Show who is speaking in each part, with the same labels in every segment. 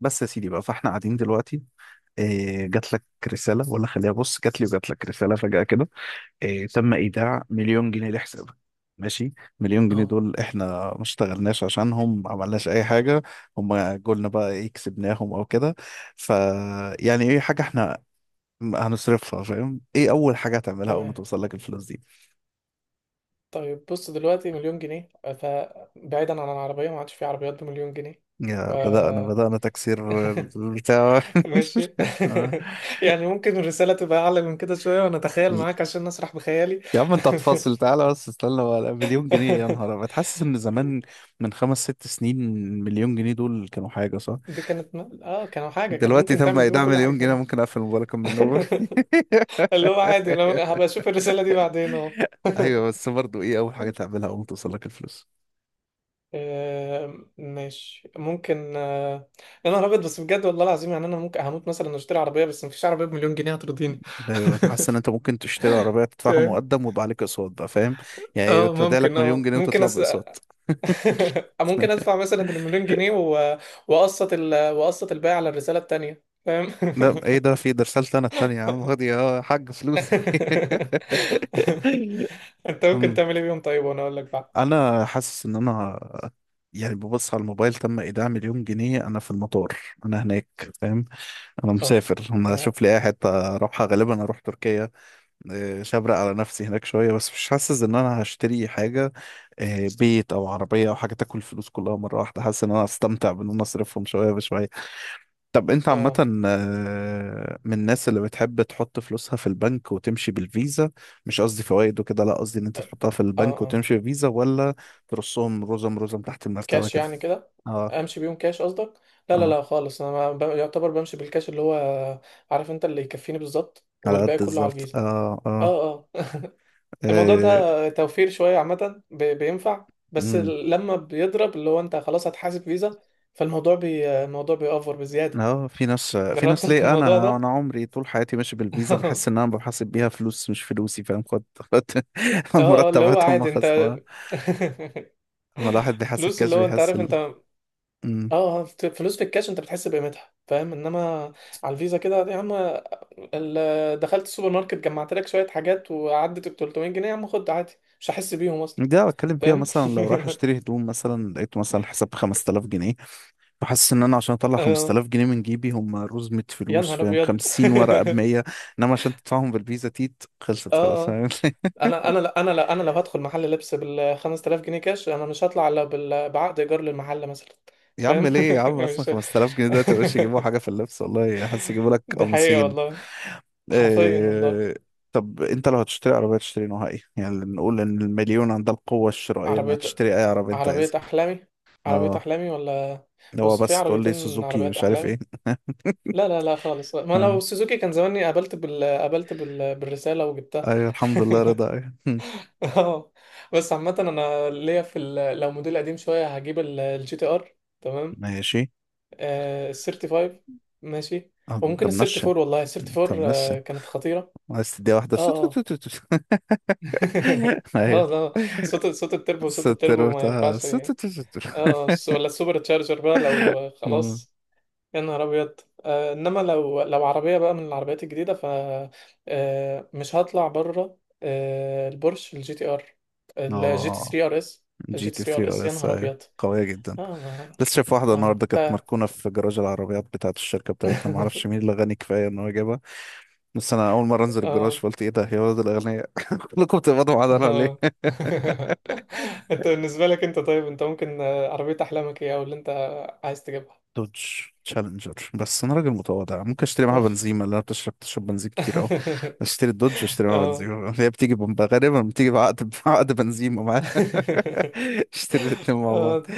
Speaker 1: بس يا سيدي بقى، فاحنا قاعدين دلوقتي إيه؟ جات لك رسالة؟ ولا خليها، بص، جات لي وجات لك رسالة فجأة كده، إيه؟ تم إيداع مليون جنيه لحسابك. ماشي. مليون جنيه
Speaker 2: اه،
Speaker 1: دول احنا ما اشتغلناش عشانهم، ما عملناش اي حاجة، هم جولنا بقى ايه، كسبناهم او كده. ف يعني ايه، حاجة احنا هنصرفها، فاهم؟ ايه اول حاجة هتعملها اول ما
Speaker 2: تمام.
Speaker 1: توصل لك الفلوس دي؟
Speaker 2: طيب بص دلوقتي مليون جنيه، فبعيدا عن العربية ما عادش في عربيات بمليون جنيه. ف...
Speaker 1: يا بدأنا بدأنا تكسير البتاع.
Speaker 2: ماشي. يعني ممكن الرسالة تبقى أعلى من كده شوية وأنا أتخيل
Speaker 1: آه.
Speaker 2: معاك عشان أسرح بخيالي.
Speaker 1: يا عم انت هتفاصل؟ تعالى بس، استنى بقى، مليون جنيه إيه؟ يا نهار ابيض، حاسس ان زمان، من خمس ست سنين، مليون جنيه دول كانوا حاجه، صح؟
Speaker 2: دي كانت آه، كانوا حاجة كان
Speaker 1: دلوقتي
Speaker 2: ممكن
Speaker 1: تم
Speaker 2: تعمل بيهم
Speaker 1: ايداع
Speaker 2: كل
Speaker 1: مليون جنيه،
Speaker 2: حاجة.
Speaker 1: ممكن اقفل الموبايل اكمل من النوم.
Speaker 2: اللي هو عادي، لو هبقى أشوف الرسالة دي بعدين أهو.
Speaker 1: ايوه، بس برضه ايه اول حاجه تعملها اول ما توصلك الفلوس؟
Speaker 2: آه، ماشي، ممكن آه. يا نهار أبيض، بس بجد والله العظيم يعني أنا ممكن هموت مثلا أشتري عربية، بس مفيش عربية بمليون جنيه هترضيني.
Speaker 1: ده ايوه، حاسس ان انت ممكن تشتري عربيه تدفعها
Speaker 2: تمام.
Speaker 1: مقدم ويبقى عليك اقساط بقى، فاهم؟ يعني
Speaker 2: اه
Speaker 1: تودع
Speaker 2: ممكن،
Speaker 1: لك مليون
Speaker 2: اه
Speaker 1: جنيه
Speaker 2: ممكن
Speaker 1: وتطلع باقساط.
Speaker 2: ممكن ادفع مثلا المليون جنيه واقسط واقسط الباقي على الرساله التانيه، فاهم.
Speaker 1: لا ايه ده؟ في ده رسالتي انا التانية، يا عم خد يا حاج فلوسي.
Speaker 2: انت ممكن
Speaker 1: أمم.
Speaker 2: تعمل ايه بيهم؟ طيب وانا اقول لك بعد.
Speaker 1: انا حاسس ان انا يعني ببص على الموبايل، تم ايداع مليون جنيه، انا في المطار، انا هناك، فاهم؟ انا
Speaker 2: اوف.
Speaker 1: مسافر، انا
Speaker 2: اه
Speaker 1: اشوف لي اي حته اروحها، غالبا اروح تركيا. إيه، شبرق على نفسي هناك شويه، بس مش حاسس ان انا هشتري حاجه، إيه، بيت او عربيه او حاجه تاكل الفلوس كلها مره واحده، حاسس ان انا هستمتع بان انا اصرفهم شويه بشويه. طب انت
Speaker 2: اه
Speaker 1: عامة آه، من الناس اللي بتحب تحط فلوسها في البنك وتمشي بالفيزا؟ مش قصدي فوائد وكده، لا قصدي ان انت تحطها في
Speaker 2: اه
Speaker 1: البنك
Speaker 2: اه
Speaker 1: وتمشي بالفيزا، ولا ترصهم رزم رزم تحت المرتبة
Speaker 2: كاش
Speaker 1: كده؟
Speaker 2: يعني كده؟
Speaker 1: اه
Speaker 2: امشي بيهم كاش قصدك؟ لا لا
Speaker 1: اه.
Speaker 2: لا خالص، انا ما... ب... يعتبر بمشي بالكاش اللي هو عارف انت اللي يكفيني بالظبط،
Speaker 1: على قد
Speaker 2: والباقي كله على
Speaker 1: بالظبط،
Speaker 2: الفيزا.
Speaker 1: اه اه.
Speaker 2: اه الموضوع
Speaker 1: اه.
Speaker 2: ده توفير شوية عامة بينفع، بس
Speaker 1: مم.
Speaker 2: لما بيضرب اللي هو انت خلاص هتحاسب فيزا، فالموزوع بي الموضوع بيأفور بزيادة.
Speaker 1: اه، في ناس في
Speaker 2: جربت
Speaker 1: ناس
Speaker 2: انت
Speaker 1: ليه،
Speaker 2: الموضوع
Speaker 1: انا
Speaker 2: ده؟
Speaker 1: انا عمري طول حياتي ماشي بالفيزا، بحس ان انا بحاسب بيها فلوس مش فلوسي، فاهم؟ خد خد.
Speaker 2: اه اللي هو
Speaker 1: المرتبات هم
Speaker 2: عادي انت.
Speaker 1: خصمها. اما الواحد بيحاسب
Speaker 2: فلوس
Speaker 1: كاش
Speaker 2: اللي هو انت
Speaker 1: بيحس
Speaker 2: عارف انت، اه.
Speaker 1: مم.
Speaker 2: آه، فلوس في الكاش انت بتحس بقيمتها، فاهم، انما على الفيزا كده يا عم. دخلت السوبر ماركت، جمعت لك شوية حاجات، وعدت ب 300 جنيه، يا عم خد عادي، مش هحس بيهم اصلا،
Speaker 1: دي أنا بتكلم فيها
Speaker 2: فاهم؟
Speaker 1: مثلا لو رايح اشتري هدوم، مثلا لقيت مثلا حساب ب 5000 جنيه، فحاسس ان انا عشان اطلع
Speaker 2: اه.
Speaker 1: 5000 جنيه من جيبي، هم رزمة
Speaker 2: يا
Speaker 1: فلوس،
Speaker 2: نهار
Speaker 1: فاهم؟
Speaker 2: ابيض.
Speaker 1: 50 ورقة ب 100. انما عشان تدفعهم بالفيزا، تيت خلصت خلاص،
Speaker 2: اه
Speaker 1: فاهم؟
Speaker 2: انا لا، انا لو هدخل محل لبس بال 5000 جنيه كاش، انا مش هطلع الا بعقد ايجار للمحل مثلا. أنت
Speaker 1: يا عم
Speaker 2: فاهم؟
Speaker 1: ليه، يا عم اصلا
Speaker 2: مش
Speaker 1: 5000 جنيه ده تبقاش يجيبوا حاجة في اللبس، والله حاسس يجيبوا لك
Speaker 2: دي حقيقة
Speaker 1: قميصين.
Speaker 2: والله، حرفيا والله.
Speaker 1: إيه... طب انت لو هتشتري عربية تشتري نوعها ايه؟ يعني نقول ان المليون عندها القوة الشرائية انها
Speaker 2: عربية
Speaker 1: تشتري اي عربية انت
Speaker 2: عربية
Speaker 1: عايزها.
Speaker 2: أحلامي. عربية
Speaker 1: اه،
Speaker 2: أحلامي، ولا
Speaker 1: هو
Speaker 2: بص في
Speaker 1: بس تقول لي
Speaker 2: عربيتين
Speaker 1: سوزوكي
Speaker 2: عربيات
Speaker 1: مش عارف
Speaker 2: أحلامي.
Speaker 1: ايه.
Speaker 2: لا لا لا خالص، ما لو سوزوكي كان زماني بالرسالة وجبتها.
Speaker 1: ايوه الحمد لله رضا، ايوه. هم،
Speaker 2: اه. بس عامة أنا ليا في لو موديل قديم شوية هجيب الجي تي ار، تمام.
Speaker 1: ماشي.
Speaker 2: آه، ال 35. ماشي،
Speaker 1: آه، انت
Speaker 2: وممكن ال
Speaker 1: منشن،
Speaker 2: 34، والله ال
Speaker 1: انت
Speaker 2: 34
Speaker 1: منشن،
Speaker 2: آه، كانت خطيرة.
Speaker 1: عايز تديها واحدة
Speaker 2: اه
Speaker 1: سو تو تو
Speaker 2: اه
Speaker 1: تو تو. ايوه،
Speaker 2: اه لا، صوت التربو، صوت
Speaker 1: ستر
Speaker 2: التربو ما
Speaker 1: بتاعها
Speaker 2: ينفعش
Speaker 1: سو تو
Speaker 2: اه.
Speaker 1: تو تو تو.
Speaker 2: آه، ولا السوبر تشارجر بقى، لو آه،
Speaker 1: مم.
Speaker 2: خلاص. يا نهار ابيض. آه، انما لو عربية بقى من العربيات الجديدة، ف آه، مش هطلع بره. آه، البورش الجي تي ار، الجي تي
Speaker 1: اه،
Speaker 2: 3 ار اس،
Speaker 1: جي
Speaker 2: الجي تي
Speaker 1: تي
Speaker 2: 3 ار
Speaker 1: 3
Speaker 2: اس،
Speaker 1: ار
Speaker 2: يا
Speaker 1: اس،
Speaker 2: نهار
Speaker 1: ايوه،
Speaker 2: ابيض.
Speaker 1: قوية جدا.
Speaker 2: اه
Speaker 1: لسه شايف واحدة
Speaker 2: اه
Speaker 1: النهاردة كانت
Speaker 2: ده.
Speaker 1: مركونة في جراج العربيات بتاعة الشركة بتاعتنا، معرفش مين اللي غني كفاية ان هو جابها. بس انا اول مرة انزل الجراج، فقلت ايه ده يا ولد الاغنياء، كلكم بتقبضوا معانا ليه؟
Speaker 2: اه. انت بالنسبة لك انت، طيب انت ممكن آه، عربية احلامك ايه او اللي انت عايز تجيبها؟
Speaker 1: دوج تشالنجر، بس انا راجل متواضع ممكن اشتري معاها
Speaker 2: اوف.
Speaker 1: بنزيمة، اللي انا بتشرب تشرب بنزين كتير قوي. اشتري الدوج واشتري معاها
Speaker 2: اه.
Speaker 1: بنزيمة، هي بتيجي غالبا بتيجي بعقد، بعقد بنزيمة معاها. اشتري الاتنين مع بعض.
Speaker 2: اه،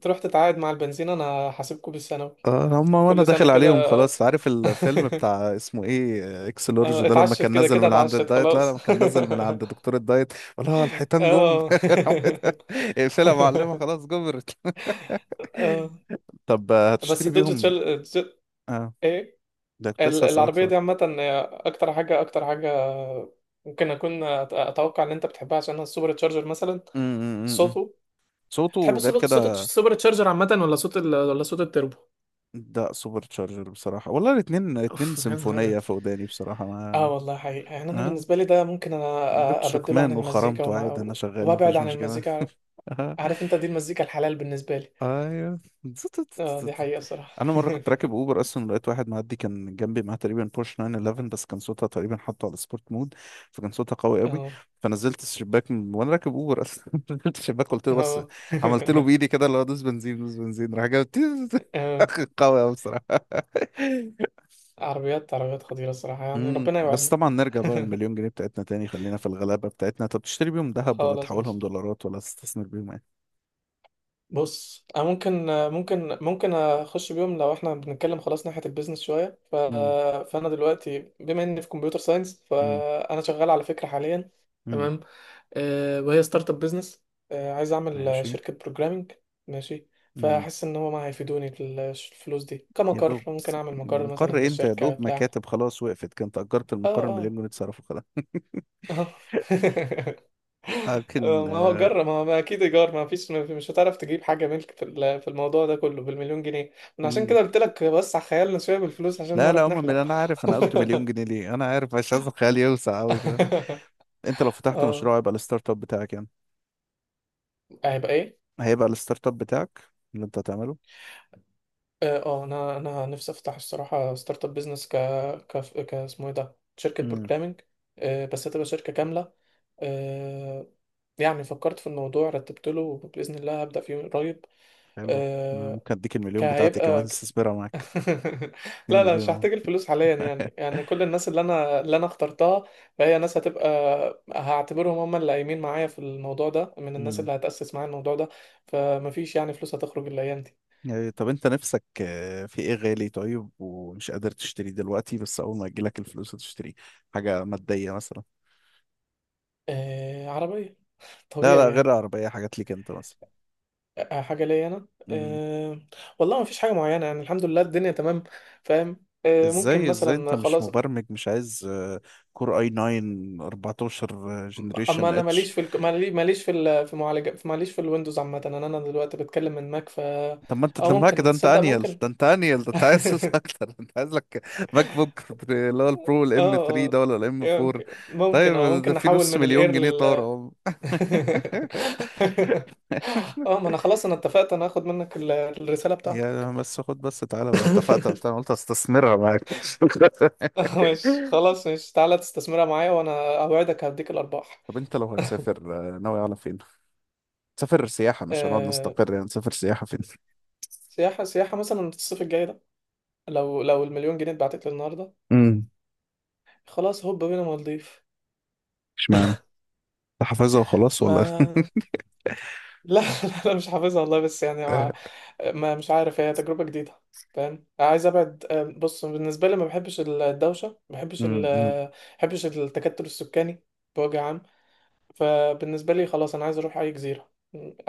Speaker 2: تروح تتعاقد مع البنزين، انا هسيبكوا بالثانوي
Speaker 1: اه، هما وانا
Speaker 2: كل سنة
Speaker 1: داخل عليهم
Speaker 2: كده.
Speaker 1: خلاص. عارف الفيلم بتاع اسمه ايه آه، اكس لورج
Speaker 2: اه،
Speaker 1: ده، لما
Speaker 2: اتعشت
Speaker 1: كان
Speaker 2: كده
Speaker 1: نزل
Speaker 2: كده،
Speaker 1: من عند
Speaker 2: اتعشت
Speaker 1: الدايت، لا
Speaker 2: خلاص.
Speaker 1: لما كان نزل من عند دكتور الدايت، ولا الحيتان جم.
Speaker 2: اه.
Speaker 1: اقفلها يا معلمة، خلاص جمرت.
Speaker 2: اه،
Speaker 1: طب آه،
Speaker 2: بس
Speaker 1: هتشتري
Speaker 2: الدوج
Speaker 1: بيهم؟ اه
Speaker 2: ايه،
Speaker 1: ده كنت لسه هسألك
Speaker 2: العربية دي عامة هي أكتر حاجة، أكتر حاجة ممكن أكون أتوقع إن أنت بتحبها عشانها السوبر تشارجر، مثلا
Speaker 1: سؤال.
Speaker 2: صوته.
Speaker 1: صوته
Speaker 2: بتحب
Speaker 1: غير كده.
Speaker 2: صوت السوبر تشارجر عامة، ولا صوت ولا صوت التربو؟
Speaker 1: ده سوبر تشارجر بصراحة، والله الاتنين اتنين
Speaker 2: أوف، يا نهار
Speaker 1: سيمفونية
Speaker 2: أبيض.
Speaker 1: في وداني بصراحة، ما
Speaker 2: آه والله حقيقة، يعني أنا
Speaker 1: اه
Speaker 2: بالنسبة لي ده ممكن أنا
Speaker 1: جبت
Speaker 2: أبدله عن
Speaker 1: شكمان
Speaker 2: المزيكا
Speaker 1: وخرمته عادي، انا شغال
Speaker 2: وأبعد
Speaker 1: مفيش
Speaker 2: عن
Speaker 1: مشكلة.
Speaker 2: المزيكا. عارف أنت، دي المزيكا الحلال بالنسبة لي.
Speaker 1: ايوه.
Speaker 2: آه، دي حقيقة الصراحة.
Speaker 1: انا مرة كنت راكب اوبر اصلا، لقيت واحد معدي كان جنبي معاه تقريبا بورش 911، بس كان صوتها تقريبا حاطه على سبورت مود، فكان صوتها قوي قوي،
Speaker 2: آه
Speaker 1: فنزلت الشباك وانا راكب اوبر اصلا، نزلت الشباك قلت له بس،
Speaker 2: آه.
Speaker 1: عملت له بايدي كده اللي هو دوس بنزين دوس بنزين، راح جاب تيز.
Speaker 2: آه،
Speaker 1: قوي قوي بصراحة.
Speaker 2: عربيات، عربيات خطيرة الصراحة، يعني ربنا
Speaker 1: بس
Speaker 2: يوعدنا.
Speaker 1: طبعا نرجع بقى للمليون جنيه بتاعتنا تاني، خلينا في الغلابة بتاعتنا. طب تشتري بيهم ذهب ولا
Speaker 2: خلاص ماشي.
Speaker 1: تحولهم دولارات ولا تستثمر بيهم ايه؟
Speaker 2: بص انا ممكن، ممكن اخش بيهم لو احنا بنتكلم خلاص ناحيه البيزنس شويه
Speaker 1: امم
Speaker 2: فانا دلوقتي بما اني في كمبيوتر ساينس،
Speaker 1: امم
Speaker 2: فانا شغال على فكره حاليا،
Speaker 1: امم
Speaker 2: تمام. أه، وهي ستارت اب بيزنس، أه عايز اعمل
Speaker 1: ماشي.
Speaker 2: شركه بروجرامنج. ماشي.
Speaker 1: امم
Speaker 2: فاحس ان هو ما هيفيدوني في الفلوس دي
Speaker 1: يا
Speaker 2: كمقر،
Speaker 1: دوب
Speaker 2: ممكن
Speaker 1: بس
Speaker 2: اعمل مقر مثلا
Speaker 1: مقر إيه؟ انت يا
Speaker 2: للشركه
Speaker 1: دوب
Speaker 2: بتاع.
Speaker 1: مكاتب خلاص. وقفت، كنت اجرت
Speaker 2: اه
Speaker 1: المقر،
Speaker 2: اه
Speaker 1: المليون جنيه اتصرفوا خلاص.
Speaker 2: اه
Speaker 1: لكن
Speaker 2: ما هو
Speaker 1: آه،
Speaker 2: جرب، ما هو ما اكيد ايجار ما فيش، مش هتعرف تجيب حاجه ملك في في الموضوع ده كله بالمليون جنيه. من عشان
Speaker 1: امم
Speaker 2: كده قلت لك وسع خيالنا شويه بالفلوس عشان
Speaker 1: لا لا
Speaker 2: نعرف
Speaker 1: عموما،
Speaker 2: نحلم.
Speaker 1: انا عارف، انا قلت مليون جنيه ليه، انا عارف، مش عايز الخيال يوسع قوي شويه. انت لو فتحت
Speaker 2: اه.
Speaker 1: مشروع هيبقى الستارت اب بتاعك يعني،
Speaker 2: هيبقى ايه؟
Speaker 1: هيبقى الستارت اب بتاعك اللي انت هتعمله.
Speaker 2: اه آه، انا نفسي افتح الصراحه ستارت اب بزنس، ك ك اسمه ايه ده، شركه
Speaker 1: امم
Speaker 2: بروجرامنج. آه، بس هتبقى شركه كامله. آه، يعني فكرت في الموضوع، رتبت له، باذن الله هبدا فيه قريب.
Speaker 1: حلو. أنا
Speaker 2: آه،
Speaker 1: ممكن اديك المليون بتاعتي كمان،
Speaker 2: هيبقى.
Speaker 1: استثمرها معاك، 2
Speaker 2: لا لا مش
Speaker 1: مليون.
Speaker 2: هحتاج الفلوس حاليا، يعني كل الناس اللي انا اخترتها، فهي ناس هتبقى، هعتبرهم هم اللي قايمين معايا في الموضوع ده، من الناس
Speaker 1: امم
Speaker 2: اللي هتأسس معايا الموضوع ده. فمفيش يعني فلوس هتخرج الايام دي.
Speaker 1: يعني طب انت نفسك آه، في ايه غالي طيب ومش قادر تشتريه دلوقتي، بس اول ما يجيلك الفلوس هتشتريه؟ حاجة مادية مثلا.
Speaker 2: آه، عربية،
Speaker 1: لا
Speaker 2: طبيعي
Speaker 1: لا غير
Speaker 2: يعني.
Speaker 1: عربية، حاجات ليك انت مثلا.
Speaker 2: آه، حاجة ليا انا،
Speaker 1: امم
Speaker 2: آه. والله مفيش حاجة معينة، يعني الحمد لله الدنيا تمام. فاهم. آه، ممكن
Speaker 1: ازاي، ازاي انت
Speaker 2: مثلا
Speaker 1: مش
Speaker 2: خلاص.
Speaker 1: مبرمج مش عايز آه، كور اي 9 14
Speaker 2: اما
Speaker 1: جنريشن
Speaker 2: انا
Speaker 1: اتش؟
Speaker 2: ماليش في ماليش في في معالجة، ماليش في الويندوز عامة، انا دلوقتي بتكلم من ماك، ف
Speaker 1: طب ما انت
Speaker 2: اه
Speaker 1: تلمها
Speaker 2: ممكن،
Speaker 1: كده، انت
Speaker 2: تصدق
Speaker 1: انيل
Speaker 2: ممكن.
Speaker 1: ده انت انيل ده انت عايز فلوس
Speaker 2: اه
Speaker 1: اكتر، انت عايز لك ماك بوك اللي هو البرو الام 3 ده
Speaker 2: اه،
Speaker 1: ولا الام 4.
Speaker 2: ممكن، اه
Speaker 1: طيب ده
Speaker 2: ممكن
Speaker 1: في
Speaker 2: نحول
Speaker 1: نص
Speaker 2: من
Speaker 1: مليون
Speaker 2: الاير
Speaker 1: جنيه طار
Speaker 2: لل.
Speaker 1: اهو.
Speaker 2: اه ما انا خلاص، انا اتفقت انا هاخد منك الرسالة بتاعتك.
Speaker 1: يا بس خد، بس تعالى، انا اتفقت وقتها، انا قلت استثمرها معاك.
Speaker 2: ماشي خلاص، ماشي تعالى تستثمرها معايا، وانا اوعدك هديك الارباح.
Speaker 1: طب انت لو هتسافر آه، ناوي على فين؟ تسافر سياحة مش هنقعد
Speaker 2: أه،
Speaker 1: نستقر يعني، تسافر سياحة فين؟
Speaker 2: سياحة، سياحة مثلا الصيف الجاي ده، لو المليون جنيه اتبعتت لي النهارده،
Speaker 1: امم
Speaker 2: خلاص هوب بينا مالديف.
Speaker 1: اشمعنى؟ أنت حافظها وخلاص ولا؟
Speaker 2: ما لا لا لا مش حافظها والله، بس يعني
Speaker 1: آه،
Speaker 2: ما, ما مش عارف، هي تجربة جديدة فاهم، عايز ابعد. آه، بص بالنسبة لي ما بحبش الدوشة، ما بحبش ال
Speaker 1: مم، مم.
Speaker 2: ما بحبش التكتل السكاني بوجه عام. فبالنسبة لي خلاص انا عايز اروح اي جزيرة،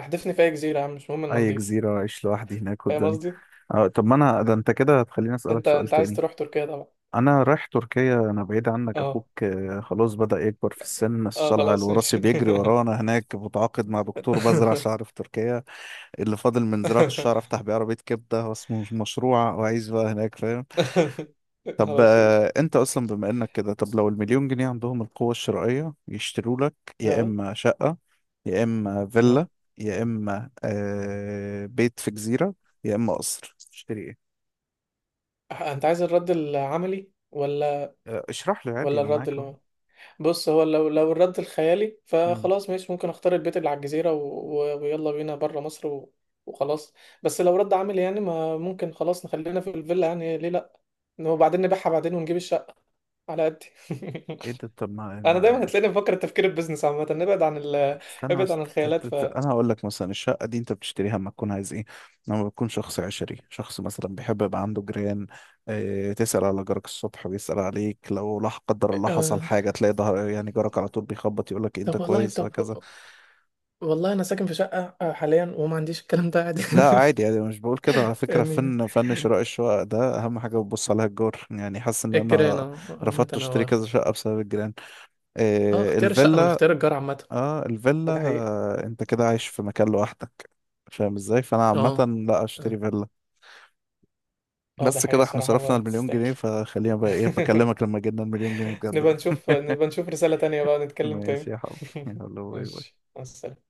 Speaker 2: احدفني في اي جزيرة يا عم، مش مهم
Speaker 1: اي
Speaker 2: المالديف،
Speaker 1: جزيرة واعيش لوحدي هناك
Speaker 2: فاهم
Speaker 1: والدنيا.
Speaker 2: قصدي.
Speaker 1: آه، طب ما انا ده انت كده هتخليني اسألك
Speaker 2: انت
Speaker 1: سؤال
Speaker 2: انت عايز
Speaker 1: تاني.
Speaker 2: تروح تركيا طبعا.
Speaker 1: انا رايح تركيا، انا بعيد عنك
Speaker 2: اه
Speaker 1: اخوك آه، خلاص بدأ يكبر في السن،
Speaker 2: اه،
Speaker 1: الصلع
Speaker 2: خلاص
Speaker 1: الوراثي
Speaker 2: ماشي.
Speaker 1: بيجري ورانا، هناك متعاقد مع دكتور بزرع شعر في تركيا. اللي فاضل من زراعة الشعر افتح بيه عربية كبدة واسمه مشروع واعيش بقى هناك، فاهم؟ طب
Speaker 2: خلاص
Speaker 1: آه،
Speaker 2: ماشي،
Speaker 1: انت اصلا بما انك كده، طب لو المليون جنيه عندهم القوة الشرائية يشتروا لك، يا
Speaker 2: لا
Speaker 1: اما شقة، يا اما
Speaker 2: لا.
Speaker 1: فيلا، يا اما آه بيت في جزيرة، يا اما قصر، تشتري ايه؟
Speaker 2: انت عايز الرد العملي، ولا
Speaker 1: آه، اشرح لي عادي
Speaker 2: ولا
Speaker 1: انا
Speaker 2: الرد
Speaker 1: معاك
Speaker 2: اللي
Speaker 1: اهو.
Speaker 2: هو، بص هو، لو الرد الخيالي،
Speaker 1: مم.
Speaker 2: فخلاص ماشي ممكن اختار البيت اللي على الجزيرة ويلا بينا بره مصر وخلاص. بس لو رد عملي يعني، ما ممكن خلاص نخلينا في الفيلا، يعني ليه لا. وبعدين نبيعها بعدين ونجيب الشقة على قد.
Speaker 1: ايه ده؟ طب
Speaker 2: انا دايما
Speaker 1: ما
Speaker 2: هتلاقيني بفكر التفكير البيزنس عامة، نبعد عن
Speaker 1: استنى
Speaker 2: ابعد
Speaker 1: بس
Speaker 2: عن
Speaker 1: ت-
Speaker 2: الخيالات،
Speaker 1: ت-
Speaker 2: ف
Speaker 1: ت- انا هقول لك مثلا الشقه دي انت بتشتريها اما تكون عايز ايه؟ لما بتكون شخص عشري، شخص مثلا بيحب يبقى عنده جيران، اه تسال على جارك الصبح ويسال عليك، لو لا قدر الله حصل
Speaker 2: آه،
Speaker 1: حاجه تلاقي ظهر يعني، جارك على طول بيخبط يقول لك إيه، انت
Speaker 2: طب والله،
Speaker 1: كويس، وهكذا.
Speaker 2: طب والله انا ساكن في شقة آه، حاليا وما عنديش الكلام ده عادي.
Speaker 1: لا عادي، يعني مش بقول كده، على فكره
Speaker 2: يعني
Speaker 1: فن شراء الشقق ده اهم حاجه بتبص عليها الجار، يعني حاسس ان
Speaker 2: الجيران
Speaker 1: انا
Speaker 2: اه عامة
Speaker 1: رفضت اشتري
Speaker 2: انا،
Speaker 1: كذا شقه بسبب الجيران.
Speaker 2: اه
Speaker 1: آه،
Speaker 2: اختيار الشقة من
Speaker 1: الفيلا،
Speaker 2: اختيار الجار عامة،
Speaker 1: اه الفيلا،
Speaker 2: ده حقيقة.
Speaker 1: آه، انت كده عايش في مكان لوحدك، فاهم ازاي؟ فانا عامة
Speaker 2: اه
Speaker 1: لا،
Speaker 2: اه
Speaker 1: اشتري فيلا.
Speaker 2: اه، ده
Speaker 1: بس
Speaker 2: حقيقة
Speaker 1: كده احنا
Speaker 2: الصراحة،
Speaker 1: صرفنا
Speaker 2: هو
Speaker 1: المليون
Speaker 2: تستاهل.
Speaker 1: جنيه، فخلينا بقى ايه، بكلمك لما جبنا المليون جنيه بجد بقى.
Speaker 2: نبقى نشوف رسالة تانية بقى نتكلم
Speaker 1: ماشي
Speaker 2: تاني.
Speaker 1: يا حبيبي، يلا باي
Speaker 2: ماشي،
Speaker 1: باي.
Speaker 2: مع السلامة.